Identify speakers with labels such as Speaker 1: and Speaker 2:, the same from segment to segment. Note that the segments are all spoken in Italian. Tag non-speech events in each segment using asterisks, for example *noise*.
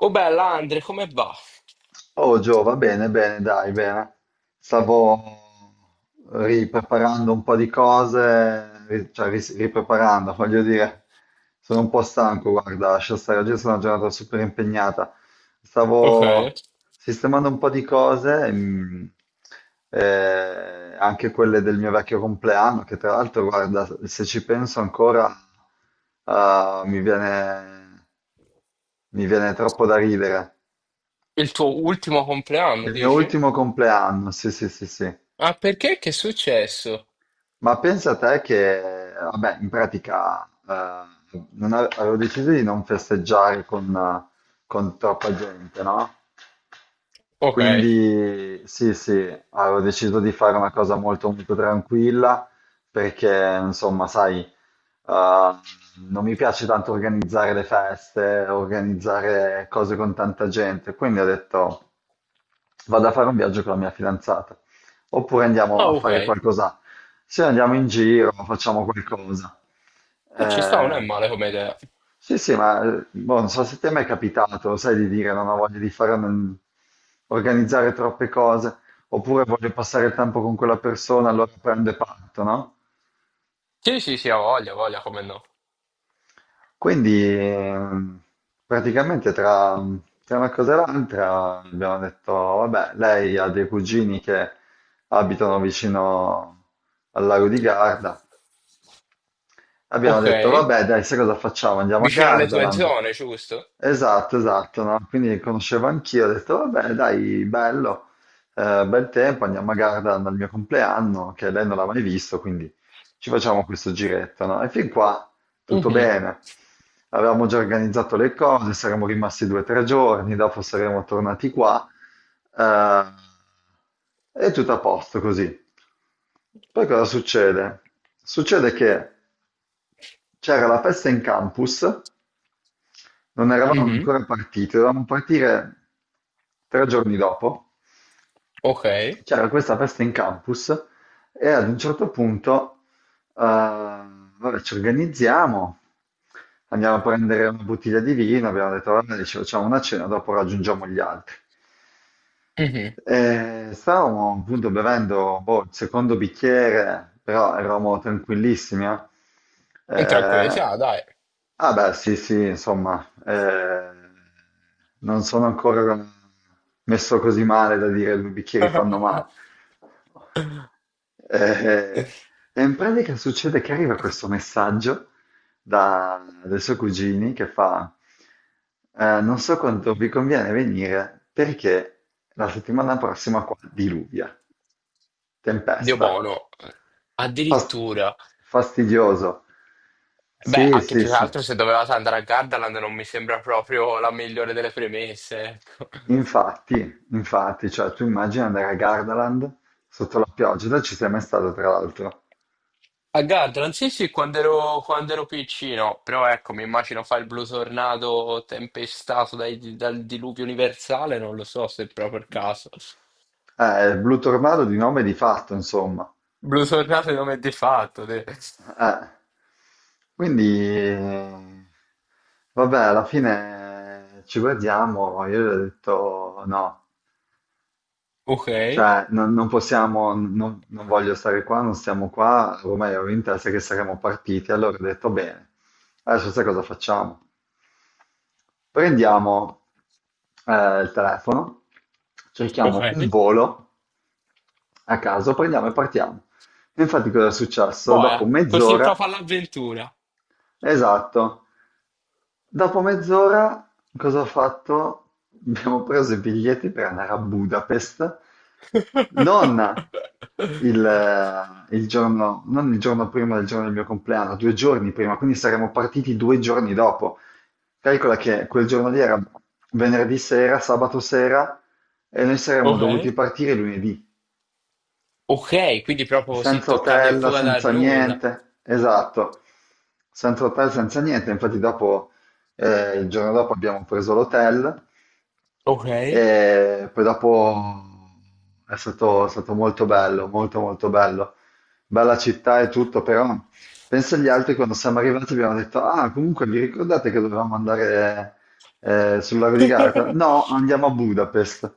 Speaker 1: Oh bella Andre, come va?
Speaker 2: Oh Gio, va bene, bene, dai, bene. Stavo ripreparando un po' di cose, ripreparando, voglio dire, sono un po' stanco, guarda, lascia stare, oggi è stata una giornata super impegnata.
Speaker 1: Ok.
Speaker 2: Stavo sistemando un po' di cose, anche quelle del mio vecchio compleanno, che tra l'altro, guarda, se ci penso ancora, ah, mi viene troppo da ridere.
Speaker 1: Il tuo ultimo compleanno,
Speaker 2: Il mio
Speaker 1: dici?
Speaker 2: ultimo compleanno, sì, sì, sì, sì.
Speaker 1: Ah, perché? Che è successo?
Speaker 2: Ma pensa a te che, vabbè, in pratica non ave- avevo deciso di non festeggiare con con troppa gente, no?
Speaker 1: Ok.
Speaker 2: Quindi sì, sì, avevo deciso di fare una cosa molto, molto tranquilla perché, insomma, sai, Uh, non mi piace tanto organizzare le feste, organizzare cose con tanta gente, quindi ho detto vado a fare un viaggio con la mia fidanzata, oppure andiamo
Speaker 1: Ah,
Speaker 2: a
Speaker 1: ok.
Speaker 2: fare qualcosa, se andiamo in giro, facciamo qualcosa.
Speaker 1: Ci sta, non
Speaker 2: Eh,
Speaker 1: è male come idea.
Speaker 2: sì, sì, ma boh, non so se te mi è capitato, sai, di dire non ho voglia di organizzare troppe cose, oppure voglio passare il tempo con quella persona, allora prendo e parto, no?
Speaker 1: Sì, sì, sì, ha voglia, come no.
Speaker 2: Quindi praticamente tra una cosa e l'altra abbiamo detto, vabbè, lei ha dei cugini che abitano vicino al lago di Garda. Abbiamo
Speaker 1: Ok.
Speaker 2: detto, vabbè, dai, sai cosa facciamo? Andiamo a
Speaker 1: Vicino alle tue
Speaker 2: Gardaland.
Speaker 1: zone, giusto?
Speaker 2: Esatto, esatto, no? Quindi conoscevo anch'io, ho detto, vabbè, dai, bello, bel tempo, andiamo a Gardaland al mio compleanno, che lei non l'ha mai visto, quindi ci facciamo questo giretto, no? E fin qua tutto
Speaker 1: Mhm,
Speaker 2: bene. Avevamo già organizzato le cose, saremmo rimasti due o tre giorni, dopo saremmo tornati qua, eh, e tutto a posto così. Poi cosa succede? Succede che c'era la festa in campus, non eravamo
Speaker 1: mhm,
Speaker 2: ancora partiti, dovevamo partire tre giorni dopo.
Speaker 1: ok.
Speaker 2: C'era questa festa in campus e ad un certo punto, vabbè, ci organizziamo, andiamo a prendere una bottiglia di vino, abbiamo detto, vabbè, ci facciamo una cena, dopo raggiungiamo gli altri.
Speaker 1: Mhm.
Speaker 2: Stavamo appunto bevendo boh, il secondo bicchiere, però eravamo tranquillissimi.
Speaker 1: Entra qui, sì,
Speaker 2: Eh,
Speaker 1: ah, dai.
Speaker 2: ah beh, sì, sì, insomma, non sono ancora messo così male da dire due bicchieri fanno male.
Speaker 1: *laughs*
Speaker 2: Eh, e in pratica succede che arriva questo messaggio dai suoi cugini che fa, non so quanto vi conviene venire perché la settimana prossima qua diluvia,
Speaker 1: Dio
Speaker 2: tempesta,
Speaker 1: buono.
Speaker 2: Fasti-
Speaker 1: Addirittura.
Speaker 2: fastidioso.
Speaker 1: Beh,
Speaker 2: Sì,
Speaker 1: anche
Speaker 2: sì,
Speaker 1: più che
Speaker 2: sì.
Speaker 1: altro, se dovevate andare a Gardaland non mi sembra proprio la migliore delle premesse, ecco.
Speaker 2: Infatti, infatti, cioè tu immagini andare a Gardaland sotto la pioggia, tu ci sei mai stato tra l'altro.
Speaker 1: A Gardaland, sì, sì, quando ero piccino, però ecco, mi immagino fa il blu tornato tempestato dal diluvio universale, non lo so se è proprio il caso.
Speaker 2: Il blu tornado di nome e di fatto, insomma.
Speaker 1: Blu tornato è nome di fatto. Te.
Speaker 2: Eh, quindi, eh, vabbè, alla fine ci guardiamo. Io gli ho detto no,
Speaker 1: Ok,
Speaker 2: cioè non possiamo, non voglio stare qua, non stiamo qua. Ormai avevo in testa che saremmo partiti. Allora ho detto bene, adesso sai cosa facciamo? Prendiamo il telefono,
Speaker 1: ok.
Speaker 2: cerchiamo un volo a caso, prendiamo e partiamo. E infatti cosa è successo? Dopo
Speaker 1: Boia, così
Speaker 2: mezz'ora,
Speaker 1: proprio all'avventura.
Speaker 2: esatto, dopo mezz'ora cosa ho fatto? *laughs* Abbiamo preso i biglietti per andare a Budapest, non
Speaker 1: *laughs*
Speaker 2: il giorno, non il giorno prima del giorno del mio compleanno, due giorni prima, quindi saremmo partiti due giorni dopo. Calcola che quel giorno lì era venerdì sera, sabato sera, e noi saremmo
Speaker 1: Ok,
Speaker 2: dovuti partire lunedì.
Speaker 1: ok, quindi proprio così
Speaker 2: Senza
Speaker 1: toccata e
Speaker 2: hotel,
Speaker 1: fuoco dal
Speaker 2: senza
Speaker 1: nulla.
Speaker 2: niente, esatto, senza hotel, senza niente. Infatti dopo, il giorno dopo abbiamo preso l'hotel
Speaker 1: Ok.
Speaker 2: e poi dopo è stato molto bello, molto molto bello. Bella città e tutto, però penso agli altri quando siamo arrivati abbiamo detto, ah comunque vi ricordate che dovevamo andare sul lago di Garda?
Speaker 1: *laughs*
Speaker 2: No, andiamo a Budapest.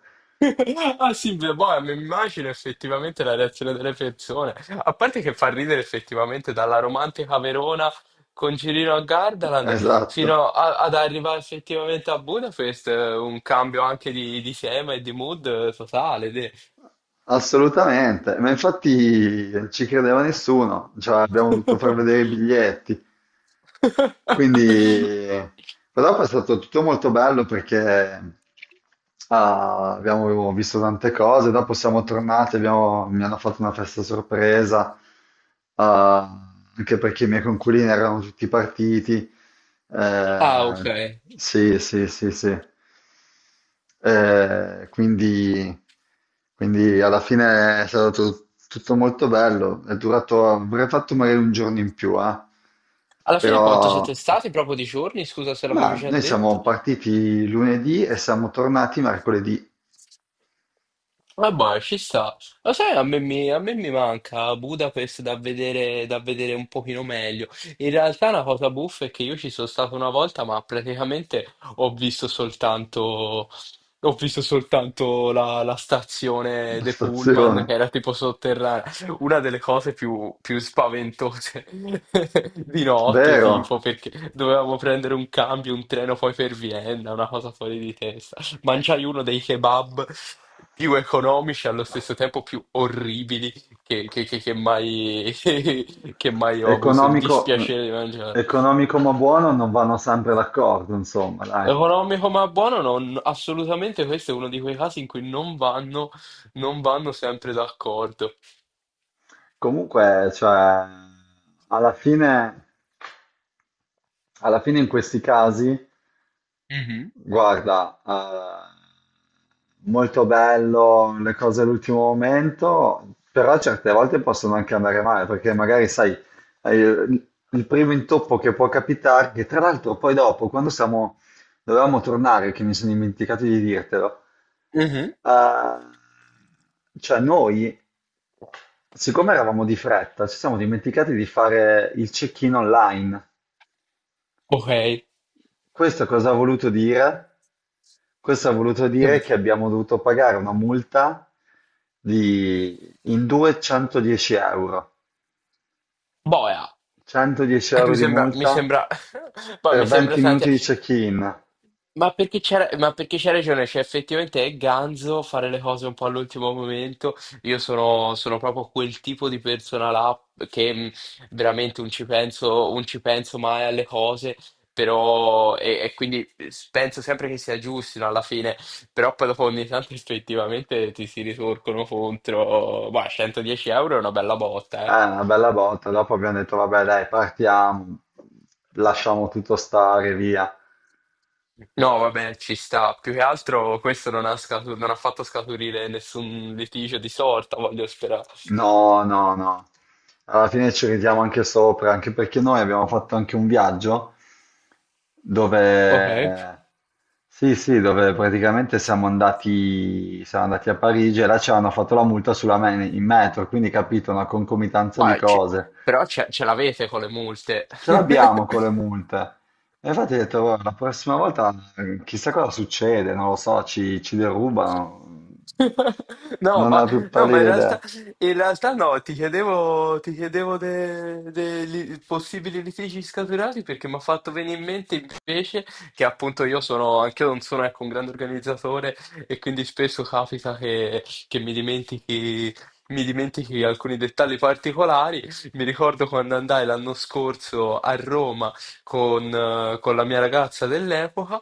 Speaker 1: Ah sì, beh, boh, mi immagino effettivamente la reazione delle persone. A parte che fa ridere effettivamente dalla romantica Verona con Cirino a Gardaland
Speaker 2: Esatto.
Speaker 1: ad arrivare effettivamente a Budapest, un cambio anche di tema e di mood totale.
Speaker 2: Assolutamente, ma infatti non ci credeva nessuno, cioè abbiamo dovuto far vedere i biglietti,
Speaker 1: *laughs*
Speaker 2: quindi però è stato tutto molto bello perché ah, abbiamo visto tante cose, dopo siamo tornati, mi hanno fatto una festa sorpresa, ah, anche perché i miei conculini erano tutti partiti,
Speaker 1: Ah, ok.
Speaker 2: eh, sì, sì, sì, sì. Eh, quindi, quindi alla fine è stato tutto molto bello. È durato, avrei fatto magari un giorno in più, eh.
Speaker 1: Alla fine quanto
Speaker 2: Però,
Speaker 1: siete stati proprio di giorni? Scusa se l'avevi
Speaker 2: ma
Speaker 1: già
Speaker 2: noi siamo
Speaker 1: detto.
Speaker 2: partiti lunedì e siamo tornati mercoledì *laughs*
Speaker 1: Vabbè, ci sta. Lo sai, a me mi manca Budapest da vedere un pochino meglio. In realtà una cosa buffa è che io ci sono stato una volta, ma praticamente ho visto soltanto la stazione
Speaker 2: alla
Speaker 1: dei Pullman,
Speaker 2: stazione.
Speaker 1: che era tipo sotterranea. Una delle cose più spaventose *laughs* di notte,
Speaker 2: Vero?
Speaker 1: tipo, perché dovevamo prendere un cambio, un treno poi per Vienna, una cosa fuori di testa. Mangiai uno dei kebab più economici e allo stesso tempo più orribili che mai, *laughs* che mai ho avuto il
Speaker 2: Economico,
Speaker 1: dispiacere di mangiare.
Speaker 2: economico ma buono non vanno sempre d'accordo, insomma, dai.
Speaker 1: Economico ma buono, no, assolutamente questo è uno di quei casi in cui non vanno sempre d'accordo.
Speaker 2: Comunque, cioè, alla fine, alla fine in questi casi
Speaker 1: Mhm.
Speaker 2: guarda, molto bello le cose all'ultimo momento, però certe volte possono anche andare male, perché magari sai, il primo intoppo che può capitare, che tra l'altro poi dopo, quando siamo, dovevamo tornare, che mi sono dimenticato di dirtelo,
Speaker 1: Mhm.
Speaker 2: cioè noi, siccome eravamo di fretta, ci siamo dimenticati di fare il check-in online.
Speaker 1: Ok,
Speaker 2: Questo cosa ha voluto dire? Questo ha voluto dire che abbiamo dovuto pagare una multa di in due 110 euro.
Speaker 1: boia.
Speaker 2: 110 euro di
Speaker 1: Mi
Speaker 2: multa
Speaker 1: sembra, *laughs* poi mi
Speaker 2: per
Speaker 1: sembra
Speaker 2: 20
Speaker 1: tante.
Speaker 2: minuti di check-in.
Speaker 1: Ma perché c'ha ragione, cioè effettivamente è ganzo fare le cose un po' all'ultimo momento. Io sono proprio quel tipo di persona là che veramente non ci penso, non ci penso mai alle cose, però e quindi penso sempre che sia giusto, no, alla fine, però poi dopo ogni tanto effettivamente ti si ritorcono contro, ma 110 euro è una bella botta,
Speaker 2: È
Speaker 1: eh.
Speaker 2: una bella botta. Dopo abbiamo detto, vabbè, dai, partiamo, lasciamo tutto stare, via.
Speaker 1: No, vabbè, ci sta. Più che altro questo non ha, non ha fatto scaturire nessun litigio di sorta, voglio sperare.
Speaker 2: No, no, no. Alla fine ci ridiamo anche sopra, anche perché noi abbiamo fatto anche un viaggio
Speaker 1: Ok.
Speaker 2: dove, sì, sì, dove praticamente siamo andati a Parigi e là ci hanno fatto la multa in metro, quindi capito, una concomitanza di
Speaker 1: Ma c'è-
Speaker 2: cose.
Speaker 1: Però ce l'avete con le multe.
Speaker 2: Ce l'abbiamo
Speaker 1: *laughs*
Speaker 2: con le multe. E infatti ho detto, "Guarda, la prossima volta chissà cosa succede, non lo so, ci derubano.
Speaker 1: *laughs* No,
Speaker 2: Non ho
Speaker 1: ma,
Speaker 2: la più
Speaker 1: no, ma
Speaker 2: pallida idea.
Speaker 1: in realtà no, ti chiedevo dei possibili litigi scaturati perché mi ha fatto venire in mente invece che appunto io sono, anche io non sono, ecco, un grande organizzatore e quindi spesso capita che mi dimentichi alcuni dettagli particolari. Mi ricordo quando andai l'anno scorso a Roma con la mia ragazza dell'epoca.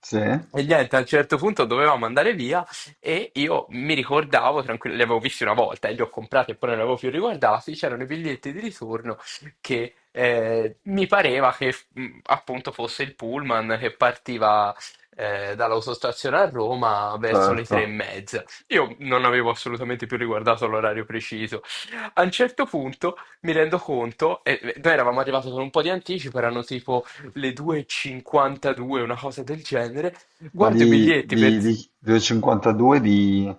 Speaker 2: Sì,
Speaker 1: E niente, a un certo punto dovevamo andare via e io mi ricordavo, tranquillo, li avevo visti una volta e li ho comprati e poi non li avevo più riguardati, c'erano i biglietti di ritorno che mi pareva che appunto fosse il pullman che partiva dall'autostazione a Roma verso le
Speaker 2: certo.
Speaker 1: 3:30. Io non avevo assolutamente più riguardato l'orario preciso. A un certo punto mi rendo conto, e noi eravamo arrivati con un po' di anticipo, erano tipo le 2.52, una cosa del genere,
Speaker 2: Ma
Speaker 1: guardo i biglietti per
Speaker 2: delle 52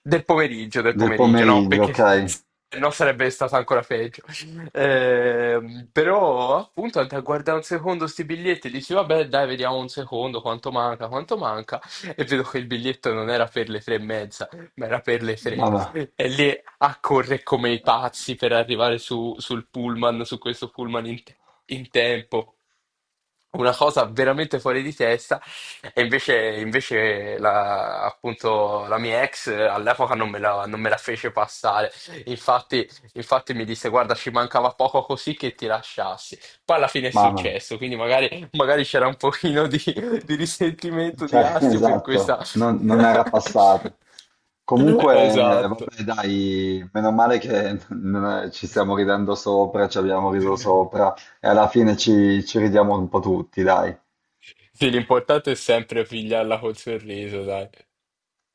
Speaker 1: del
Speaker 2: del
Speaker 1: pomeriggio, no,
Speaker 2: pomeriggio,
Speaker 1: perché *laughs*
Speaker 2: ok.
Speaker 1: se no sarebbe stato ancora peggio. Però appunto andai a guardare un secondo sti biglietti, dici vabbè, dai, vediamo un secondo quanto manca, quanto manca, e vedo che il biglietto non era per le 3:30, ma era per le 3.
Speaker 2: Mamma,
Speaker 1: E lì a correre come i pazzi per arrivare sul pullman, su questo pullman in, in tempo. Una cosa veramente fuori di testa. E invece, invece la, appunto, la mia ex all'epoca non me la fece passare. Infatti, infatti mi disse: "Guarda, ci mancava poco così che ti lasciassi." Poi alla fine è
Speaker 2: mamma,
Speaker 1: successo, quindi magari, magari c'era un pochino di risentimento, di
Speaker 2: cioè, *laughs*
Speaker 1: astio per
Speaker 2: esatto,
Speaker 1: questa.
Speaker 2: non
Speaker 1: *laughs*
Speaker 2: era passata. Comunque,
Speaker 1: Esatto.
Speaker 2: vabbè, dai, meno male che non è- ci stiamo ridendo sopra, ci abbiamo riso sopra e alla fine ci ridiamo un po' tutti, dai.
Speaker 1: Sì, l'importante è sempre pigliarla col sorriso, dai.